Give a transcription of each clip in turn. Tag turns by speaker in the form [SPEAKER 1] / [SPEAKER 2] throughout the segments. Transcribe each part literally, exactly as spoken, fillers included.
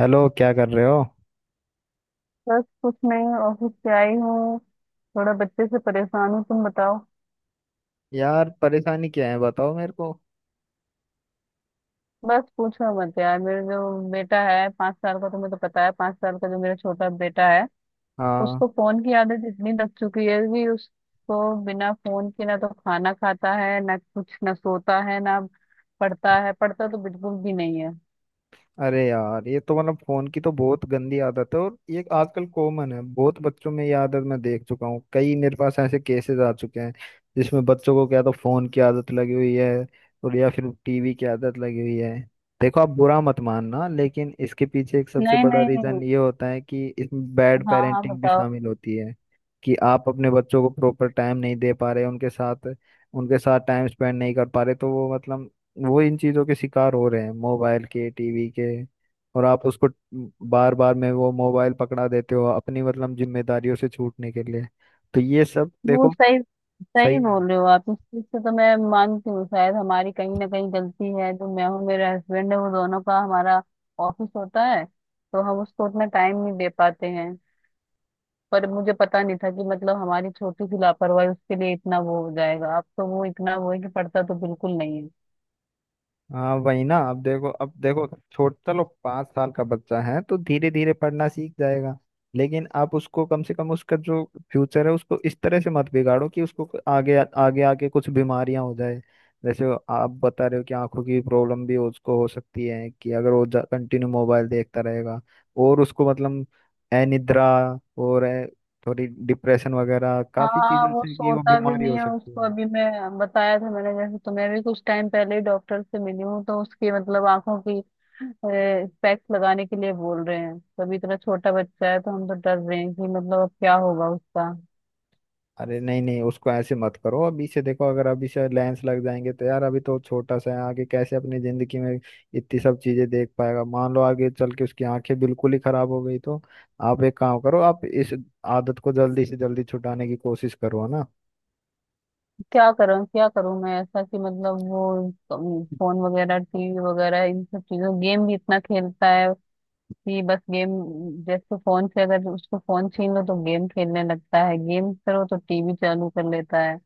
[SPEAKER 1] Hello, क्या कर रहे हो।
[SPEAKER 2] बस कुछ नहीं। ऑफिस से आई हूँ। थोड़ा बच्चे से परेशान हूँ, तुम बताओ।
[SPEAKER 1] यार, परेशानी क्या है बताओ मेरे को।
[SPEAKER 2] बस पूछो मत यार। मेरे जो बेटा है पांच साल का, तुम्हें तो पता है, पांच साल का जो मेरा छोटा बेटा है,
[SPEAKER 1] हाँ।
[SPEAKER 2] उसको फोन की आदत इतनी लग चुकी है कि उसको बिना फोन के ना तो खाना खाता है, ना कुछ, ना सोता है, ना पढ़ता है। पढ़ता तो बिल्कुल भी नहीं है।
[SPEAKER 1] अरे यार, ये तो मतलब फोन की तो बहुत गंदी आदत है, और ये आजकल कॉमन है बहुत बच्चों में। ये आदत मैं देख चुका हूँ, कई मेरे पास ऐसे केसेस आ चुके हैं जिसमें बच्चों को क्या तो फोन की आदत लगी हुई है और या फिर टीवी की आदत लगी हुई है। देखो, आप बुरा मत मानना, लेकिन इसके पीछे एक सबसे
[SPEAKER 2] नहीं
[SPEAKER 1] बड़ा
[SPEAKER 2] नहीं।
[SPEAKER 1] रीजन ये होता है कि इसमें बैड
[SPEAKER 2] हाँ हाँ,
[SPEAKER 1] पेरेंटिंग भी
[SPEAKER 2] बताओ।
[SPEAKER 1] शामिल होती है, कि आप अपने बच्चों को प्रॉपर टाइम नहीं दे पा रहे उनके साथ। उनके साथ टाइम स्पेंड नहीं कर पा रहे, तो वो मतलब वो इन चीजों के शिकार हो रहे हैं, मोबाइल के, टीवी के। और आप उसको बार बार में वो मोबाइल पकड़ा देते हो अपनी मतलब जिम्मेदारियों से छूटने के लिए। तो ये सब
[SPEAKER 2] वो
[SPEAKER 1] देखो।
[SPEAKER 2] सही सही
[SPEAKER 1] सही नहीं।
[SPEAKER 2] बोल रहे हो आप इस चीज से। तो मैं मानती हूँ, शायद हमारी कहीं ना कहीं गलती है। जो मैं हूँ, मेरा हस्बैंड है, वो दोनों का हमारा ऑफिस होता है, तो हम उसको उतना टाइम नहीं दे पाते हैं। पर मुझे पता नहीं था कि मतलब हमारी छोटी सी लापरवाही उसके लिए इतना वो हो जाएगा। अब तो वो इतना वो है कि पड़ता तो बिल्कुल नहीं।
[SPEAKER 1] हाँ वही ना, अब देखो, अब देखो, छोट चलो पाँच साल का बच्चा है तो धीरे धीरे पढ़ना सीख जाएगा। लेकिन आप उसको कम से कम उसका जो फ्यूचर है उसको इस तरह से मत बिगाड़ो कि उसको को- आगे आगे आके कुछ बीमारियां हो जाए। जैसे आप बता रहे हो कि आंखों की प्रॉब्लम भी उसको हो सकती है, कि अगर वो कंटिन्यू मोबाइल देखता रहेगा। और उसको मतलब अनिद्रा और ए, थोड़ी डिप्रेशन वगैरह, काफी
[SPEAKER 2] हाँ,
[SPEAKER 1] चीजों
[SPEAKER 2] वो
[SPEAKER 1] से कि वो
[SPEAKER 2] सोता भी
[SPEAKER 1] बीमारी
[SPEAKER 2] नहीं
[SPEAKER 1] हो
[SPEAKER 2] है
[SPEAKER 1] सकती
[SPEAKER 2] उसको।
[SPEAKER 1] है।
[SPEAKER 2] अभी मैं बताया था, मैंने जैसे तुम्हें भी, कुछ टाइम पहले ही डॉक्टर से मिली हूँ तो उसकी मतलब आंखों की पैक्स लगाने के लिए बोल रहे हैं। तो अभी इतना छोटा बच्चा है, तो हम तो डर रहे हैं कि मतलब अब क्या होगा उसका।
[SPEAKER 1] अरे नहीं नहीं, उसको ऐसे मत करो। अभी से देखो, अगर अभी से लेंस लग जाएंगे तो यार, अभी तो छोटा सा है, आगे कैसे अपनी जिंदगी में इतनी सब चीजें देख पाएगा। मान लो आगे चल के उसकी आंखें बिल्कुल ही खराब हो गई तो? आप एक काम करो, आप इस आदत को जल्दी से जल्दी छुटाने की कोशिश करो, है ना।
[SPEAKER 2] क्या करूँ क्या करूँ मैं ऐसा कि मतलब वो फोन वगैरह, टीवी वगैरह, इन सब चीजों, गेम भी इतना खेलता है कि बस गेम। जैसे फोन से अगर उसको फोन छीन लो तो गेम खेलने लगता है, गेम करो तो टीवी चालू कर लेता है।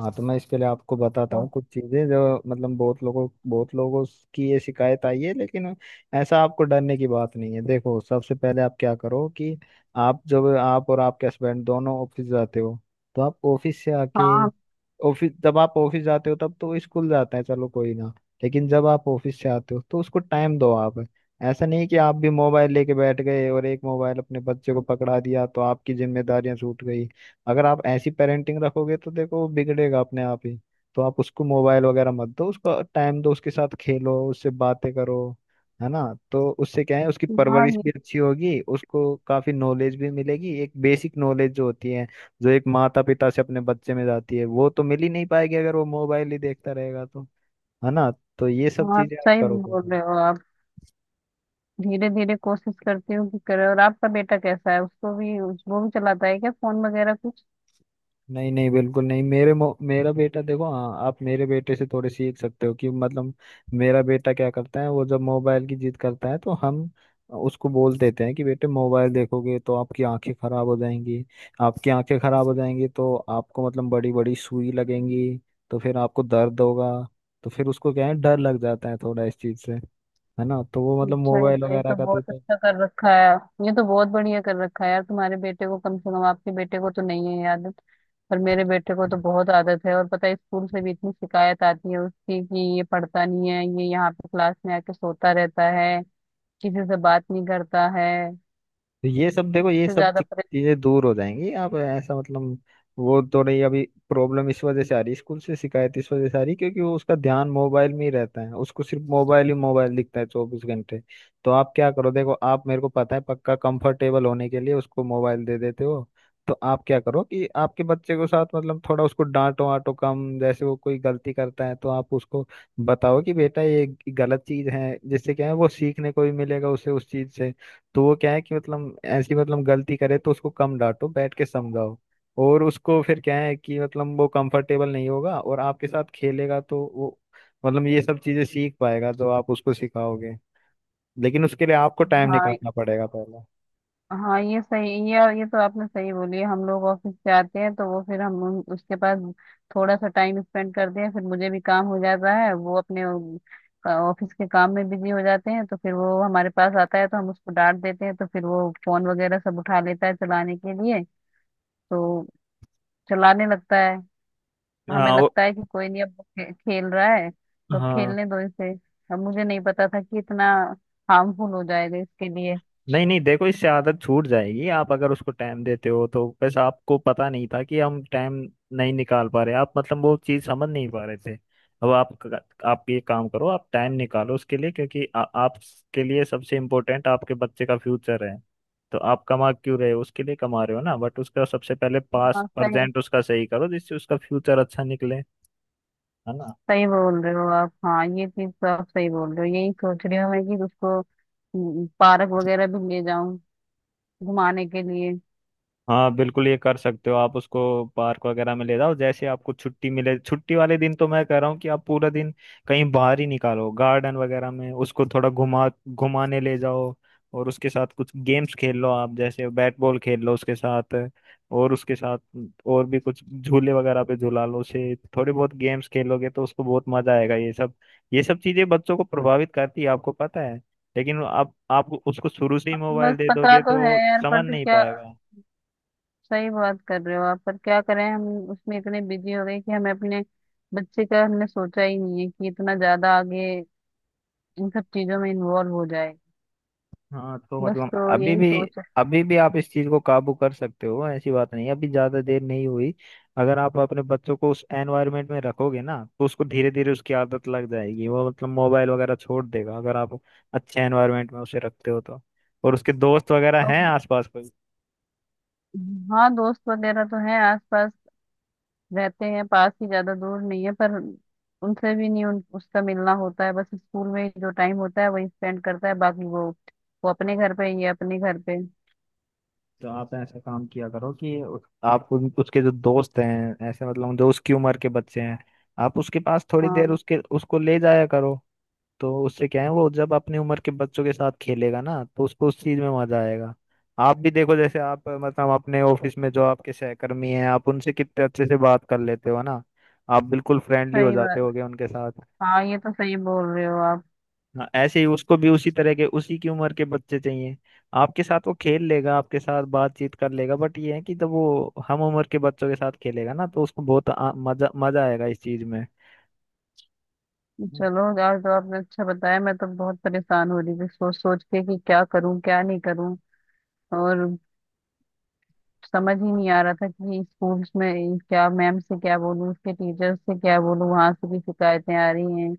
[SPEAKER 1] हाँ, तो मैं इसके लिए आपको बताता
[SPEAKER 2] तो
[SPEAKER 1] हूँ कुछ चीज़ें, जो मतलब बहुत लोगों बहुत लोगों की ये शिकायत आई है, लेकिन ऐसा आपको डरने की बात नहीं है। देखो, सबसे पहले आप क्या करो कि आप जब आप और आपके हस्बैंड दोनों ऑफिस जाते हो, तो आप ऑफिस से आके,
[SPEAKER 2] हाँ
[SPEAKER 1] ऑफिस जब आप ऑफिस जाते हो तब तो स्कूल जाते हैं, चलो कोई ना। लेकिन जब आप ऑफिस से आते हो तो उसको टाइम दो आप। ऐसा नहीं कि आप भी मोबाइल लेके बैठ गए और एक मोबाइल अपने बच्चे को पकड़ा दिया तो आपकी जिम्मेदारियां छूट गई। अगर आप ऐसी पेरेंटिंग रखोगे तो देखो वो बिगड़ेगा अपने आप ही। तो आप उसको मोबाइल वगैरह मत दो, उसको टाइम दो, उसके साथ खेलो, उससे बातें करो, है ना। तो उससे क्या है, उसकी
[SPEAKER 2] हाँ,
[SPEAKER 1] परवरिश
[SPEAKER 2] ये।
[SPEAKER 1] भी अच्छी होगी, उसको काफी नॉलेज भी मिलेगी, एक बेसिक नॉलेज जो होती है, जो एक माता पिता से अपने बच्चे में जाती है, वो तो मिल ही नहीं पाएगी अगर वो मोबाइल ही देखता रहेगा तो। है ना। तो ये सब
[SPEAKER 2] हाँ
[SPEAKER 1] चीजें आप
[SPEAKER 2] सही
[SPEAKER 1] करो
[SPEAKER 2] बोल
[SPEAKER 1] करो।
[SPEAKER 2] रहे हो आप। धीरे धीरे कोशिश करती हूँ कि करे। और आपका बेटा कैसा है? उसको भी उस- वो भी चलाता है क्या फोन वगैरह कुछ?
[SPEAKER 1] नहीं नहीं, बिल्कुल नहीं। मेरे मो, मेरा बेटा देखो, हाँ, आप मेरे बेटे से थोड़े सीख सकते हो कि मतलब मेरा बेटा क्या करता है, वो जब मोबाइल की जिद करता है तो हम उसको बोल देते हैं कि बेटे, मोबाइल देखोगे तो आपकी आंखें खराब हो जाएंगी। आपकी आंखें खराब हो जाएंगी तो आपको मतलब बड़ी बड़ी सुई लगेंगी, तो फिर आपको दर्द होगा। तो फिर उसको क्या है, डर लग जाता है थोड़ा इस चीज से, है ना। तो वो मतलब
[SPEAKER 2] अच्छा, ये
[SPEAKER 1] मोबाइल
[SPEAKER 2] तो, ये
[SPEAKER 1] वगैरह
[SPEAKER 2] तो
[SPEAKER 1] का तो।
[SPEAKER 2] बहुत अच्छा कर रखा है। ये तो बहुत बढ़िया कर रखा है यार। तुम्हारे बेटे को, कम से कम आपके बेटे को तो नहीं है ये आदत। पर मेरे बेटे को तो बहुत आदत है। और पता है, स्कूल से भी इतनी शिकायत आती है उसकी कि ये पढ़ता नहीं है, ये यहाँ पे क्लास में आके सोता रहता है, किसी से बात नहीं करता है।
[SPEAKER 1] तो ये सब देखो, ये
[SPEAKER 2] उससे
[SPEAKER 1] सब
[SPEAKER 2] ज्यादा
[SPEAKER 1] चीज- चीजें दूर हो जाएंगी। आप ऐसा मतलब वो तो रही अभी प्रॉब्लम। इस वजह से आ रही, स्कूल से शिकायत इस वजह से आ रही क्योंकि वो उसका ध्यान मोबाइल में ही रहता है, उसको सिर्फ मोबाइल ही मोबाइल दिखता है चौबीस घंटे। तो आप क्या करो, देखो आप, मेरे को पता है पक्का, कंफर्टेबल होने के लिए उसको मोबाइल दे देते हो। तो आप क्या करो कि आपके बच्चे को साथ, मतलब थोड़ा उसको डांटो वाटो कम। जैसे वो कोई गलती करता है तो आप उसको बताओ कि बेटा ये गलत चीज है, जिससे क्या है वो सीखने को भी मिलेगा उसे उस चीज से। तो वो क्या है कि मतलब ऐसी मतलब गलती करे तो उसको कम डांटो, बैठ के समझाओ। और उसको फिर क्या है कि मतलब वो कंफर्टेबल नहीं होगा, और आपके साथ खेलेगा तो वो मतलब ये सब चीजें सीख पाएगा जो आप उसको सिखाओगे। लेकिन उसके लिए आपको टाइम
[SPEAKER 2] परेशान। हाँ
[SPEAKER 1] निकालना पड़ेगा पहले।
[SPEAKER 2] हाँ ये सही। ये ये तो आपने सही बोली है। हम लोग ऑफिस से आते हैं तो वो फिर हम उन- उसके पास थोड़ा सा टाइम स्पेंड करते हैं। फिर मुझे भी काम हो जाता है, वो अपने ऑफिस के काम में बिजी हो जाते हैं। तो फिर वो हमारे पास आता है तो हम उसको डांट देते हैं। तो फिर वो फोन वगैरह सब उठा लेता है चलाने के लिए, तो चलाने लगता है। हमें
[SPEAKER 1] हाँ वो-
[SPEAKER 2] लगता है कि कोई नहीं, अब वो खे, खेल रहा है तो
[SPEAKER 1] हाँ।
[SPEAKER 2] खेलने दो इसे। अब मुझे नहीं पता था कि इतना हार्मफुल हो जाएगा इसके लिए।
[SPEAKER 1] नहीं नहीं देखो, इससे आदत छूट जाएगी, आप अगर उसको टाइम देते हो तो। बस आपको पता नहीं था कि हम टाइम नहीं निकाल पा रहे, आप मतलब वो चीज़ समझ नहीं पा रहे थे। अब आप आप ये काम करो, आप टाइम निकालो उसके लिए, क्योंकि आ, आपके लिए सबसे इम्पोर्टेंट आपके बच्चे का फ्यूचर है। तो आप कमा क्यों रहे हो, उसके लिए कमा रहे हो ना, बट उसका सबसे पहले पास
[SPEAKER 2] हाँ सही
[SPEAKER 1] प्रेजेंट उसका सही करो जिससे उसका फ्यूचर अच्छा निकले। है ना।
[SPEAKER 2] सही बोल रहे हो आप। हाँ ये चीज तो आप सही बोल रहे हो। यही सोच रही हूँ मैं कि उसको हम्म, पार्क वगैरह भी ले जाऊं घुमाने के लिए।
[SPEAKER 1] हाँ बिल्कुल, ये कर सकते हो आप, उसको पार्क वगैरह में ले जाओ। जैसे आपको छुट्टी मिले, छुट्टी वाले दिन तो मैं कह रहा हूँ कि आप पूरा दिन कहीं बाहर ही निकालो, गार्डन वगैरह में उसको थोड़ा घुमा घुमाने ले जाओ। और उसके साथ कुछ गेम्स खेल लो आप, जैसे बैट बॉल खेल लो उसके साथ। और उसके साथ और भी कुछ झूले वगैरह पे झूला लो उसे, थोड़े बहुत गेम्स खेलोगे तो उसको बहुत मजा आएगा। ये सब, ये सब चीजें बच्चों को प्रभावित करती है, आपको पता है। लेकिन आप आप उसको शुरू से ही मोबाइल
[SPEAKER 2] बस
[SPEAKER 1] दे
[SPEAKER 2] पता
[SPEAKER 1] दोगे
[SPEAKER 2] तो
[SPEAKER 1] तो
[SPEAKER 2] है
[SPEAKER 1] वो
[SPEAKER 2] यार, पर
[SPEAKER 1] समझ
[SPEAKER 2] तो
[SPEAKER 1] नहीं
[SPEAKER 2] क्या।
[SPEAKER 1] पाएगा।
[SPEAKER 2] सही बात कर रहे हो आप, पर क्या करें हम। उसमें इतने बिजी हो गए कि हमें अपने बच्चे का हमने सोचा ही नहीं है कि इतना ज्यादा आगे इन सब चीजों में इन्वॉल्व हो जाए।
[SPEAKER 1] हाँ तो
[SPEAKER 2] बस
[SPEAKER 1] मतलब
[SPEAKER 2] तो
[SPEAKER 1] अभी
[SPEAKER 2] यही
[SPEAKER 1] भी,
[SPEAKER 2] सोच है।
[SPEAKER 1] अभी भी आप इस चीज को काबू कर सकते हो, ऐसी बात नहीं है अभी ज्यादा देर नहीं हुई। अगर आप अपने बच्चों को उस एनवायरनमेंट में रखोगे ना, तो उसको धीरे धीरे उसकी आदत लग जाएगी, वो मतलब मोबाइल वगैरह छोड़ देगा, अगर आप अच्छे एनवायरनमेंट में उसे रखते हो तो। और उसके दोस्त वगैरह हैं
[SPEAKER 2] और
[SPEAKER 1] आसपास कोई?
[SPEAKER 2] हाँ, दोस्त वगैरह तो हैं आसपास, रहते हैं पास ही, ज्यादा दूर नहीं है। पर उनसे भी नहीं उन, उसका मिलना होता है, बस स्कूल में ही जो टाइम होता है वही स्पेंड करता है, बाकी वो वो अपने घर पे ये अपने घर पे।
[SPEAKER 1] तो आप ऐसा काम किया करो कि उस- आप उन- उसके जो दोस्त हैं, ऐसे मतलब जो उसकी उम्र के बच्चे हैं, आप उसके पास थोड़ी
[SPEAKER 2] हाँ
[SPEAKER 1] देर उसके उसको ले जाया करो। तो उससे क्या है, वो जब अपनी उम्र के बच्चों के साथ खेलेगा ना, तो उसको उस चीज में मजा आएगा। आप भी देखो, जैसे आप मतलब अपने ऑफिस में जो आपके सहकर्मी हैं आप उनसे कितने अच्छे से बात कर लेते हो ना। आप बिल्कुल फ्रेंडली हो
[SPEAKER 2] सही
[SPEAKER 1] जाते
[SPEAKER 2] बात।
[SPEAKER 1] होगे उनके साथ।
[SPEAKER 2] हाँ ये तो सही बोल रहे हो आप।
[SPEAKER 1] हाँ, ऐसे ही उसको भी उसी तरह के, उसी की उम्र के बच्चे चाहिए। आपके साथ वो खेल लेगा, आपके साथ बातचीत कर लेगा, बट ये है कि जब वो हम उम्र के बच्चों के साथ खेलेगा ना, तो उसको बहुत आ, मजा मजा आएगा इस चीज में।
[SPEAKER 2] चलो आज तो आपने अच्छा बताया। मैं तो बहुत परेशान हो रही थी सोच सोच के कि क्या करूं क्या नहीं करूं। और समझ ही नहीं आ रहा था कि स्कूल्स में क्या, मैम से क्या बोलूं, उसके टीचर से क्या बोलूं, वहां से भी शिकायतें आ रही हैं।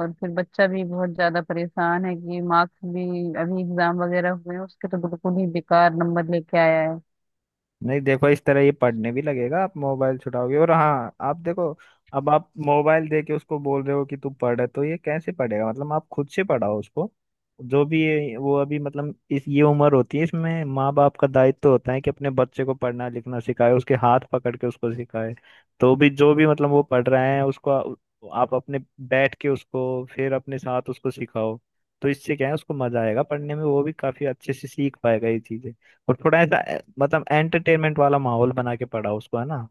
[SPEAKER 2] और फिर बच्चा भी बहुत ज्यादा परेशान है कि मार्क्स भी, अभी एग्जाम वगैरह हुए हैं उसके तो बिल्कुल ही बेकार नंबर लेके आया है।
[SPEAKER 1] नहीं देखो, इस तरह ये पढ़ने भी लगेगा, आप मोबाइल छुड़ाओगे और। हाँ आप देखो, अब आप मोबाइल दे के उसको बोल रहे हो कि तू पढ़, तो ये कैसे पढ़ेगा। मतलब आप खुद से पढ़ाओ उसको। जो भी ये- वो अभी, मतलब इस ये उम्र होती है, इसमें माँ बाप का दायित्व होता है कि अपने बच्चे को पढ़ना लिखना सिखाए, उसके हाथ पकड़ के उसको सिखाए। तो भी जो भी मतलब वो पढ़ रहे हैं उसको आ- आप अपने बैठ के उसको फिर अपने साथ उसको सिखाओ। तो इससे क्या है, उसको मजा आएगा पढ़ने में, वो भी काफी अच्छे से सीख पाएगा ये चीजें। और थोड़ा ऐसा ए, मतलब एंटरटेनमेंट वाला माहौल बना के पढ़ाओ उसको, है ना।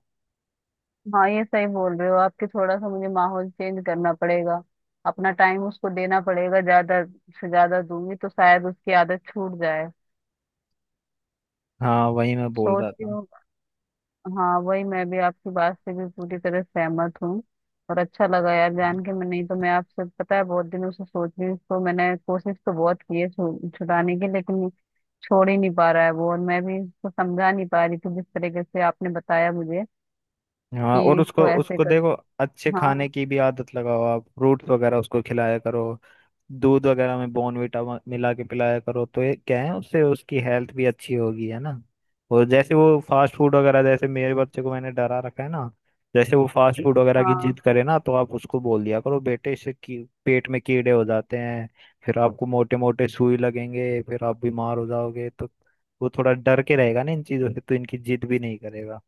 [SPEAKER 2] हाँ ये सही बोल रहे हो आपके। थोड़ा सा मुझे माहौल चेंज करना पड़ेगा। अपना टाइम उसको देना पड़ेगा, ज्यादा से ज्यादा दूंगी तो शायद उसकी आदत छूट जाए।
[SPEAKER 1] हाँ वही मैं बोल
[SPEAKER 2] सोच
[SPEAKER 1] रहा
[SPEAKER 2] रही
[SPEAKER 1] था।
[SPEAKER 2] हूँ। हाँ वही, मैं भी आपकी बात से भी पूरी तरह सहमत हूँ। और अच्छा लगा यार जान के। मैं नहीं तो, मैं आपसे पता है बहुत दिनों से सोच रही हूँ। इसको मैंने कोशिश तो बहुत की है छु- छुड़ाने की, लेकिन छोड़ ही नहीं पा रहा है वो। और मैं भी इसको समझा नहीं पा रही थी, जिस तरीके से आपने बताया मुझे
[SPEAKER 1] हाँ,
[SPEAKER 2] कि
[SPEAKER 1] और उसको
[SPEAKER 2] इसको ऐसे
[SPEAKER 1] उसको
[SPEAKER 2] कर।
[SPEAKER 1] देखो अच्छे
[SPEAKER 2] हाँ
[SPEAKER 1] खाने की भी आदत लगाओ, आप फ्रूट्स वगैरह उसको खिलाया करो। दूध वगैरह में बॉर्नवीटा मिला के पिलाया करो, तो ये क्या है, उससे उसकी हेल्थ भी अच्छी होगी, है ना। और जैसे वो फास्ट फूड वगैरह, जैसे मेरे बच्चे को मैंने डरा रखा है ना, जैसे वो फास्ट फूड वगैरह की
[SPEAKER 2] हाँ
[SPEAKER 1] जिद करे ना तो आप उसको बोल दिया करो, बेटे इससे की, पेट में कीड़े हो जाते हैं। फिर आपको मोटे मोटे सुई लगेंगे, फिर आप बीमार हो जाओगे, तो वो थोड़ा डर के रहेगा ना इन चीजों से, तो इनकी जिद भी नहीं करेगा।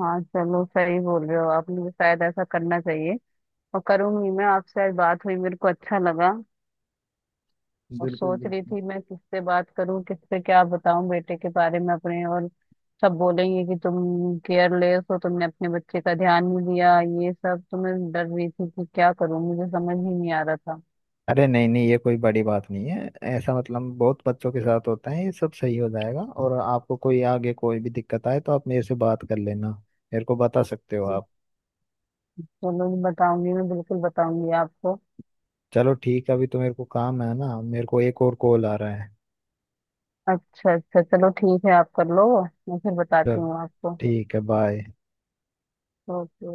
[SPEAKER 2] हाँ, चलो सही बोल रहे हो आप। मुझे शायद ऐसा करना चाहिए और करूंगी मैं। आपसे आज बात हुई, मेरे को अच्छा लगा। और
[SPEAKER 1] बिल्कुल
[SPEAKER 2] सोच रही
[SPEAKER 1] बिल्कुल।
[SPEAKER 2] थी मैं किससे बात करूं, किससे क्या बताऊं बेटे के बारे में अपने। और सब बोलेंगे कि तुम केयरलेस हो, तुमने अपने बच्चे का ध्यान नहीं दिया, ये सब। तो मैं डर रही थी कि क्या करूं, मुझे समझ ही नहीं आ रहा था।
[SPEAKER 1] अरे नहीं नहीं, ये कोई बड़ी बात नहीं है, ऐसा मतलब बहुत बच्चों के साथ होता है। ये सब सही हो जाएगा, और आपको कोई आगे कोई भी दिक्कत आए तो आप मेरे से बात कर लेना, मेरे को बता सकते हो आप।
[SPEAKER 2] चलो मैं बताऊंगी, मैं बिल्कुल बताऊंगी आपको।
[SPEAKER 1] चलो ठीक है, अभी तो मेरे को काम है ना, मेरे को एक और कॉल आ रहा है।
[SPEAKER 2] अच्छा अच्छा, चलो ठीक है, आप कर लो, मैं फिर बताती
[SPEAKER 1] चल,
[SPEAKER 2] हूँ आपको।
[SPEAKER 1] ठीक है, बाय।
[SPEAKER 2] ओके।